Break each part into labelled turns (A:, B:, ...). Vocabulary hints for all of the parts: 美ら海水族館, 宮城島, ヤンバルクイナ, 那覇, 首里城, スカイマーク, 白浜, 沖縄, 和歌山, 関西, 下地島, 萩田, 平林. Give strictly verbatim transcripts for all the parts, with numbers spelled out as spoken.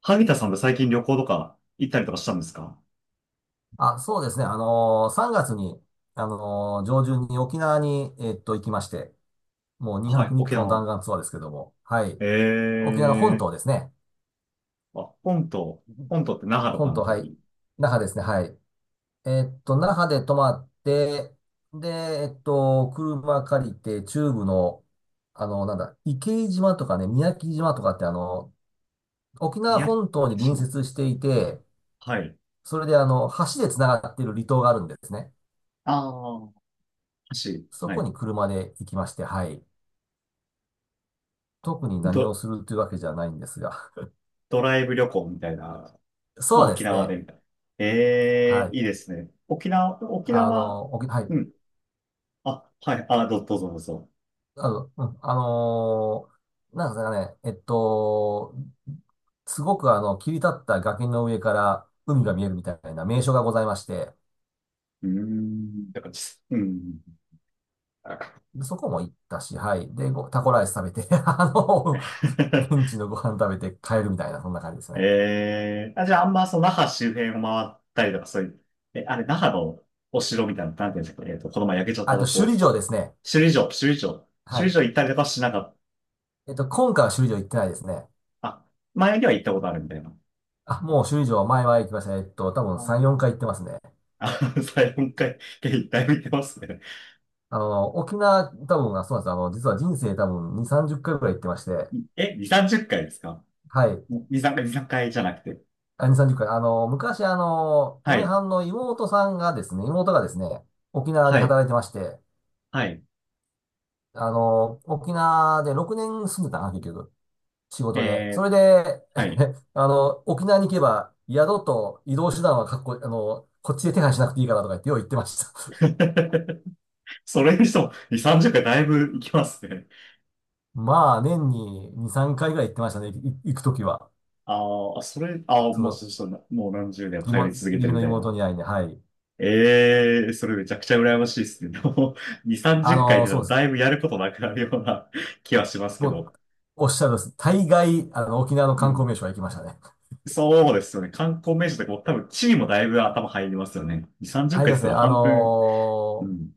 A: 萩田さんって最近旅行とか行ったりとかしたんですか？
B: あ、そうですね。あのー、さんがつに、あのー、上旬に沖縄に、えっと、行きまして、もう2
A: は
B: 泊
A: い、
B: 3
A: 沖
B: 日の弾
A: 縄。
B: 丸ツアーですけども、はい。
A: え
B: 沖縄の本
A: えー。
B: 島ですね。
A: あ、本島。本島って那覇とか
B: 本
A: のあ
B: 島、
A: た
B: はい。
A: り？
B: 那覇ですね、はい。えっと、那覇で泊まって、で、えっと、車借りて、中部の、あの、なんだ、池井島とかね、宮城島とかって、あの、沖縄
A: 宮
B: 本島に
A: 城
B: 隣接
A: 島。
B: していて、
A: はい。
B: それで、あの、橋で繋がっている離島があるんですね。
A: ああ、橋。
B: そ
A: は
B: こ
A: い。
B: に車で行きまして、はい。特に
A: ド、
B: 何をするというわけじゃないんですが。
A: ドライブ旅行みたいな。ま
B: そ
A: あ、
B: うで
A: 沖
B: す
A: 縄
B: ね。
A: でみたいな。え
B: は
A: えー、
B: い。
A: いいですね。沖縄、沖
B: あ
A: 縄。
B: の、おき、はい。
A: うん。あ、はい。あ、ど、どうぞどうぞ。
B: あの、うん、あのーなんですかね。えっと、すごくあの、切り立った崖の上から海が見えるみたいな名所がございまして、
A: うーん。だから、ちうん。
B: でそこも行ったし、はい。で、ごタコライス食べて、あの、現 地のご飯食べて帰るみたいな、そんな感じですね。
A: ええ、あ、じゃあ、あんま、その、那覇周辺を回ったりとか、そういう、え、あれ、那覇のお城みたいな、なんていうんですか、えっと、この前焼けちゃった
B: あと、
A: と
B: 首
A: こ、
B: 里城ですね。
A: 首里城、首里城、
B: は
A: 首里
B: い。
A: 城行ったりとかしなかっ
B: えっと、今回は首里城行ってないですね。
A: た。あ、前には行ったことあるみたいな。
B: あ、もう首里城前は行きましたね。えっと、多分
A: あー、
B: さん、よんかい行ってますね。
A: あ、最よんかい、一回見てますね。
B: あの、沖縄、多分、あ、そうなんです。あの、実は人生多分に、さんじゅっかいぐらい行ってまして、
A: え、に、さんじゅっかいですか？
B: はい。
A: に、さんかい、に、さんかいじゃなくて。
B: あ、に、さんじゅっかい。あの、昔、あの、
A: は
B: 嫁
A: い、
B: はんの妹さんがですね、妹がですね、沖縄で
A: はい、
B: 働いてまして、
A: はい、
B: あの、沖縄でろくねん住んでたな、結局。仕事で。そ
A: えー、
B: れで、
A: はい。
B: あの、沖縄に行けば、宿と移動手段はかっこ、あの、こっちで手配しなくていいからとか言って、よう言ってました。
A: それにしても、に、さんじゅっかいだいぶ行きますね。
B: まあ、年にに、さんかいぐらい行ってましたね、い行くときは。
A: ああ、それ、ああ、
B: そ
A: もう
B: の、
A: そうそう、もう何十年も
B: 義
A: 通
B: 母
A: い
B: 義
A: 続けて
B: 理
A: るみ
B: の
A: たいな。
B: 妹に会いに、はい。
A: ええ、それめちゃくちゃ羨ましいですね。でもに、30
B: あ
A: 回
B: の、
A: で
B: そう
A: も
B: で
A: だ
B: す。
A: いぶやることなくなるような 気はしますけ
B: もう、
A: ど。
B: おっしゃるです。大概、あの、沖縄の
A: う
B: 観光
A: ん。
B: 名所は行きましたね。
A: そうですよね。観光名所とかも多分地理もだいぶ頭入りますよね。に、30
B: あれ
A: 回っ
B: です
A: かい
B: ね、
A: って言った
B: あ
A: ら半分。う
B: の
A: ん。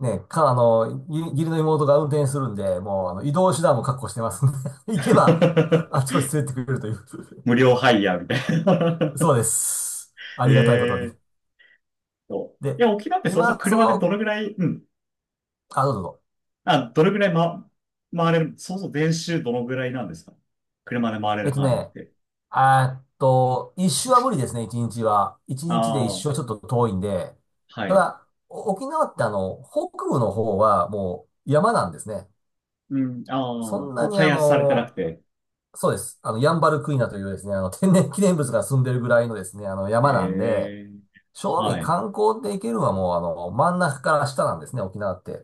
B: ーね、か、あの、義義理の妹が運転するんで、もう、あの、移動手段も確保してますんで、行けば、あちこ ち連れてくれるという。
A: 無料ハイヤーみたいな。
B: そうです。ありがたいことに。
A: ええとい
B: で、
A: や、沖縄ってそうそう
B: 今、そ
A: 車でど
B: の、
A: のぐらい、うん。
B: あ、どうぞどうぞ。
A: あ、どれぐらい、ま、回れる、そうそう、練習どのぐらいなんですか？車で回れ
B: えっ
A: る
B: と
A: 範囲っ
B: ね、
A: て。
B: あーっと、一周は無理ですね、一日は。一日で一
A: あ
B: 周は
A: あ、
B: ちょっと遠いんで。
A: は
B: た
A: い。
B: だ、お沖縄ってあの、北部の方はもう山なんですね。
A: うん、ああ、
B: そ
A: も
B: んな
A: う
B: にあ
A: 開発されてなく
B: の、
A: て。
B: そうです。あの、ヤンバルクイナというですね、あの、天然 記念物が住んでるぐらいのですね、あの、山なんで、
A: ええ、
B: 正味
A: はい。
B: 観光で行けるのはもうあの、真ん中から下なんですね、沖縄って。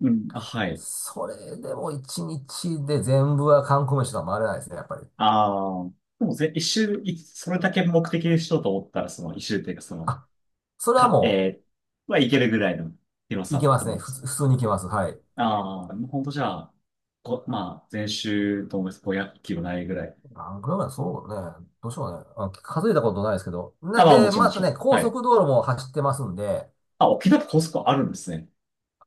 A: うん、あ、はい。
B: それでも一日で全部は観光名所とは回れないですね、やっぱり。
A: ああ、でもぜ、一周、いそれだけ目的にしようと思ったら、その一周っていうか、その、
B: あ、それは
A: か、
B: も
A: えー、はいけるぐらいの広
B: う、行
A: さ
B: け
A: っ
B: ま
A: て
B: す
A: こと
B: ね。
A: で
B: ふ
A: す。
B: つ、普通に行けます。はい。
A: ああ、もうほんとじゃあ、こ、まあ、全周と思います。ごひゃくキロないぐらい。
B: 何キロぐらい、そうね。どうしようね。あ、数えたことないですけど。
A: あ、
B: な、
A: まあ、も
B: で、
A: ちろんも
B: ま
A: ち
B: た
A: ろん。
B: ね、高
A: はい。
B: 速道路も走ってますんで、
A: あ、沖縄って高速あるんですね。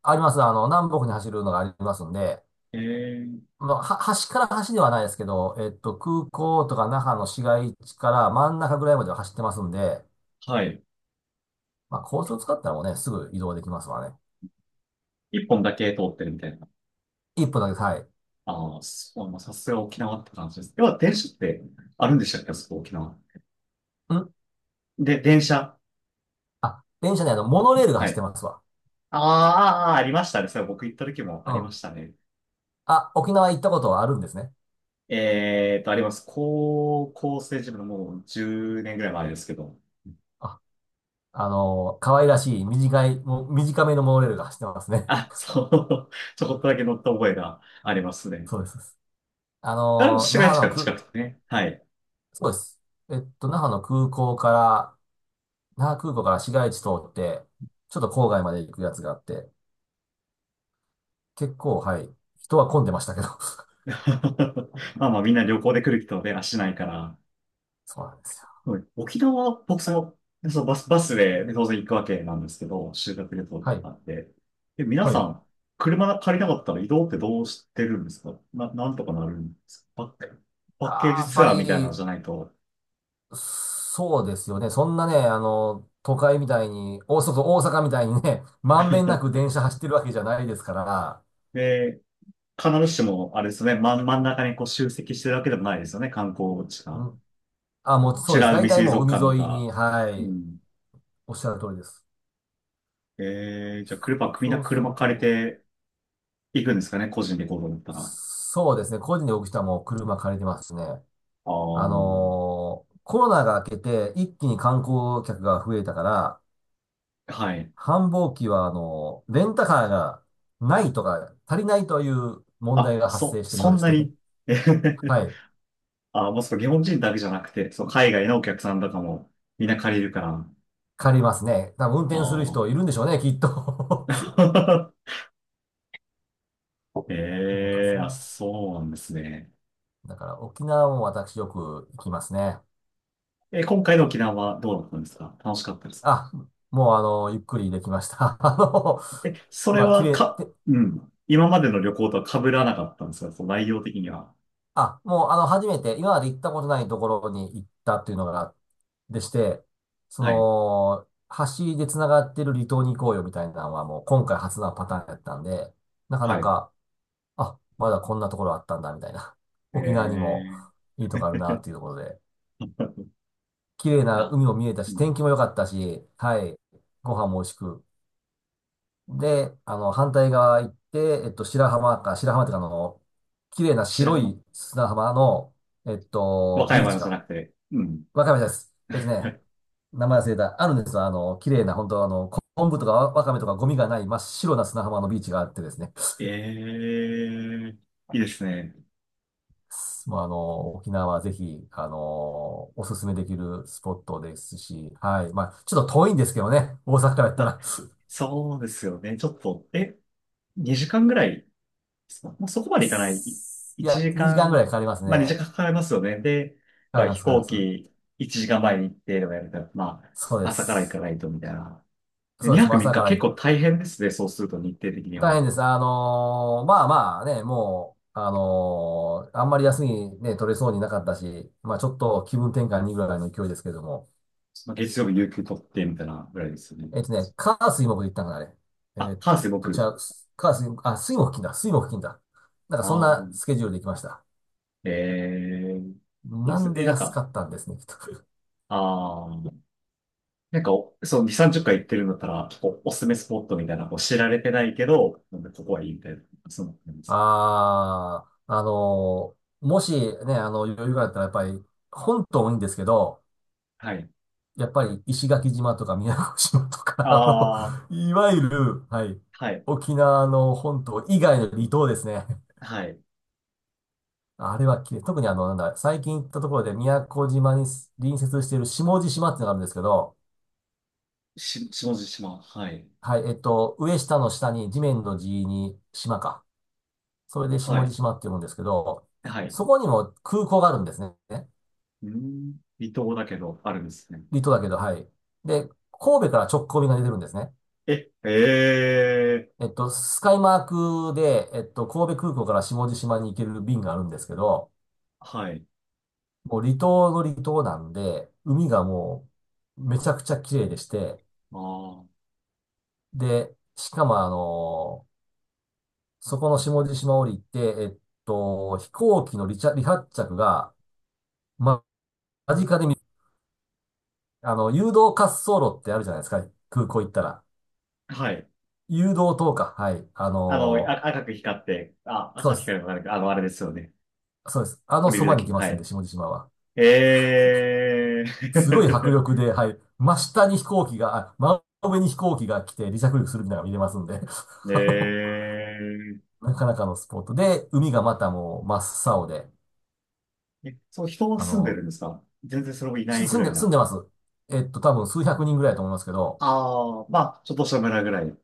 B: あります。あの、南北に走るのがありますんで、
A: ええ、
B: まあ、は、端から端ではないですけど、えっと、空港とか那覇の市街地から真ん中ぐらいまでは走ってますんで、
A: はい。
B: まあ、高速使ったらもうね、すぐ移動できますわね。
A: 一本だけ通ってるみたいな。
B: 一分だけ、はい。
A: ああ、そうまあ、さすが沖縄って感じです。要は電車ってあるんでしたっけ、あそこ沖縄。
B: ん
A: で、電車。
B: あ、電車ね、あの、モノレールが
A: は
B: 走って
A: い。
B: ますわ。
A: あーあー、あーありましたね。それ僕行った時もあ
B: う
A: りま
B: ん。
A: したね。
B: あ、沖縄行ったことはあるんですね。
A: えーと、あります。高校生時分のもうじゅうねんぐらい前ですけど。
B: あ、あのー可愛らしい、短い、もう短めのモノレールが走ってますね。
A: あ、そう。ちょこっとだけ乗った覚えがあります ね。
B: そうです。あ
A: あれも
B: のー、
A: 市
B: 那
A: 街
B: 覇
A: 地
B: の
A: から近
B: く、
A: くてね。はい。
B: そうです。えっと、那覇の空港から、那覇空港から市街地通って、ちょっと郊外まで行くやつがあって、結構、はい、人は混んでましたけど。
A: まあまあみんな旅行で来る人で足ないから。
B: そうなんですよ。
A: はい。沖縄、僕その、でそのバス、バスで当然行くわけなんですけど、修学旅行
B: はい、
A: なんで。で、皆
B: は
A: さ
B: い。
A: ん、車借りなかったら移動ってどうしてるんですかな。なんとかなるんですか？パッ、パッケー
B: あー
A: ジ
B: やっ
A: ツ
B: ぱ
A: アーみたいなの
B: り、
A: じゃないと。
B: そうですよね。そんなね、あの、都会みたいに、大阪、大阪みたいにね、まんべんな く電車走ってるわけじゃないですから、
A: で、必ずしも、あれですね、真ん、真ん中にこう集積してるわけでもないですよね、観光地
B: う
A: が。
B: ん、あ、もうそう
A: 美
B: です。
A: ら海
B: 大体
A: 水
B: もう
A: 族
B: 海
A: 館と
B: 沿い
A: か。
B: に、は
A: う
B: い、
A: ん。
B: おっしゃる通りです。
A: えー、じゃあ車、みんな
B: そうす
A: 車
B: る
A: 借り
B: と、
A: て行くんですかね、個人で行こうと思ったら。
B: そうですね。個人で動く人はもう車借りてますしね。あ
A: あ
B: のーコロナが明けて一気に観光客が増えたから、
A: あ、はい。
B: 繁忙期は、あのーレンタカーがないとか、足りないという問
A: あ、
B: 題が発
A: そ、
B: 生しているよ
A: そ
B: うで
A: ん
B: し
A: な
B: て。
A: に。えへへへ
B: はい。
A: あ、もうそう、日本人だけじゃなくて、そう、海外のお客さんとかもみんな借りるから。
B: 借りますね。多分運転する
A: あ
B: 人いるんでしょうね、きっと。
A: あ。
B: なんか
A: ええ、
B: そう。
A: あ、そうなんですね。
B: だから沖縄も私よく行きますね。
A: え、今回の沖縄はどうだったんですか？楽しかったですか？
B: あ、もうあのーゆっくりできました。あのー
A: え、それ
B: まあ、綺
A: は
B: 麗、
A: か、うん。今までの旅行とは被らなかったんですか？そう、内容的には。
B: あ、もう、あの、初めて、今まで行ったことないところに行ったっていうのが、でして、そ
A: はい。
B: の、橋で繋がってる離島に行こうよみたいなのはもう今回初なパターンやったんで、なか
A: は
B: な
A: い。
B: か、あ、まだこんなところあったんだみたいな。沖縄にも
A: ええ。
B: いいとこあるなっ ていうところで、綺麗な
A: な、
B: 海も見えた
A: う
B: し、
A: ん。
B: 天気も良かったし、はい、ご飯も美味しく。で、あの、反対側行って、えっと、白浜か、白浜っていうかあの、綺麗な
A: 白
B: 白
A: 浜。
B: い砂浜の、えっ
A: 和
B: と、
A: 歌
B: ビー
A: 山
B: チ
A: じゃ
B: か。
A: なくて。うん。
B: わかめです。えっとね、名前忘れた。あるんですよ。あの、綺麗な、本当あの、昆布とかわわかめとかゴミがない真っ白な砂浜のビーチがあってですね。
A: ええ、いいですね。
B: もうあの、沖縄はぜひ、あの、おすすめできるスポットですし、はい。まあ、ちょっと遠いんですけどね。大阪からやった
A: あ、
B: ら。
A: そうですよね。ちょっと、え、にじかんぐらいですか？まあ、そこまでいかない。い
B: い
A: 1
B: や、2
A: 時
B: 時間ぐら
A: 間、
B: いかかります
A: まあ2
B: ね。
A: 時間かかりますよね。で、
B: かか
A: や
B: り
A: っ
B: ま
A: ぱ
B: す、
A: 飛
B: かかりま
A: 行
B: す。
A: 機いちじかんまえに行ってとかやると、ま
B: そう
A: あ
B: で
A: 朝から行か
B: す。
A: ないとみたいな。で、
B: そうです。
A: 2
B: も
A: 泊
B: う
A: 3
B: 朝
A: 日
B: から
A: 結
B: 行っ
A: 構大変ですね。そうすると日程的に
B: 大
A: は。
B: 変です。あのーまあまあね、もう、あのーあんまり休みね、取れそうになかったし、まあちょっと気分転換にぐらいの勢いですけれども。
A: まあ、月曜日有給取ってみたいなぐらいですよね。
B: えっとね、火水木で行ったんかな、あれ。えー
A: あ、
B: っ
A: 関西
B: と、じ
A: 僕。
B: ゃあ、す火水、あ、水木金だ、水木金だ。なんかそん
A: あ
B: な
A: あ、
B: スケジュールで行きました。
A: ええ、いいで
B: な
A: す
B: ん
A: ね。え、
B: で
A: なん
B: 安
A: か、
B: かったんですね、きっと。
A: ああ、なんかお、そう、に、さんじゅっかい行ってるんだったら、こう、おすすめスポットみたいな、こう、知られてないけど、なんかここはいいみたいな、その、なんで すか。
B: ああ、あのーもしね、あの、余裕があったらやっぱり、本島もいいんですけど、
A: はい。
B: やっぱり石垣島とか宮古島とか、あの、
A: ああ、
B: いわゆる、はい、
A: はい、
B: 沖縄の本島以外の離島ですね。
A: はい。
B: あれは綺麗。特にあの、なんだ、最近行ったところで宮古島に隣接している下地島っていうのがあるんですけど、
A: し、下地島、はい、
B: はい、えっと、上下の下に地面の地に島か。それで
A: は
B: 下地
A: い、
B: 島って読むんですけど、
A: はい。
B: そこにも空港があるんですね。
A: うーん、離島だけど、あるんですね。
B: 離島だけど、はい。で、神戸から直行便が出てるんですね。
A: え、ええ、
B: えっと、スカイマークで、えっと、神戸空港から下地島に行ける便があるんですけど、
A: はい、
B: もう離島の離島なんで、海がもうめちゃくちゃ綺麗でして、
A: ああ、
B: で、しかもあのそこの下地島降りて、えっと、飛行機の離着、離発着が、ま、間近で見、あの、誘導滑走路ってあるじゃないですか、空港行ったら。
A: はい。
B: 誘導灯か、はい。あ
A: あの、
B: の
A: あ、赤く光って、あ、
B: そう
A: 赤く
B: で
A: 光
B: す。
A: るのなんか、あの、あれですよね。
B: そうです。あ
A: 降
B: の
A: り
B: そ
A: ると
B: ばに
A: き
B: 行き
A: に、
B: ま
A: は
B: すんで、
A: い。
B: 下地島は。
A: ええ。
B: すごい迫力で、はい。真下に飛行機が、あ、真上に飛行機が来て離着陸するみたいなのが見れますんで、あの
A: ええ
B: なかなかのスポットで、海がまたもう真っ青で、
A: え、そう、人は
B: あ
A: 住んでる
B: の、
A: んですか？全然それもい
B: し
A: ないぐ
B: 住ん
A: らい
B: で、住ん
A: な。
B: でます。えっと、多分数百人ぐらいだと思いますけど、
A: ああ、まあ、ちょっとした村ぐらい。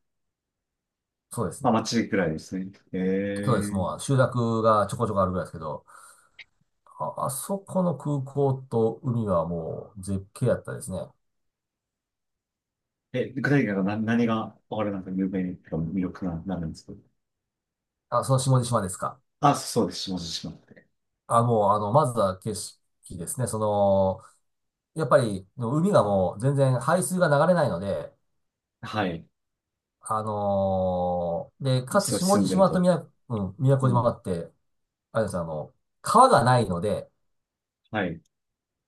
B: そうです
A: ま
B: ね。
A: あ、町ぐらいですね。え
B: そうです。
A: ー、
B: もう集落がちょこちょこあるぐらいですけど、あ、あそこの空港と海はもう絶景やったですね。
A: え、具体的に何、何が、あれなんか有名に、魅力な、なるんですか？
B: あ、その下地島ですか。
A: あ、そうです。下地島って。
B: あ、もう、あの、まずは景色ですね。その、やっぱり、海がもう全然排水が流れないので、
A: はい。
B: あのーで、かつ
A: そう、
B: 下
A: 住ん
B: 地
A: でる
B: 島と
A: と。
B: 宮、うん、宮古
A: う
B: 島が
A: ん。
B: あって、あれですあの、川がないので、
A: はい。う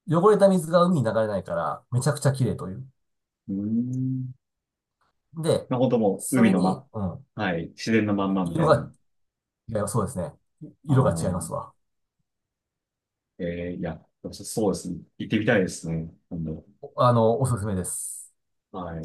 B: 汚れた水が海に流れないから、めちゃくちゃ綺麗という。
A: ーん。
B: で、
A: まあ、本当もう、
B: そ
A: 海
B: れ
A: の
B: に、
A: ま、
B: うん、
A: はい。自然のまんまみた
B: 色
A: いな。
B: が、いますそうですね。
A: あ
B: 色が違
A: あ、
B: いますわ。
A: えー、いや、そうですね。行ってみたいですね。今度。
B: おあの、おすすめです。
A: はい。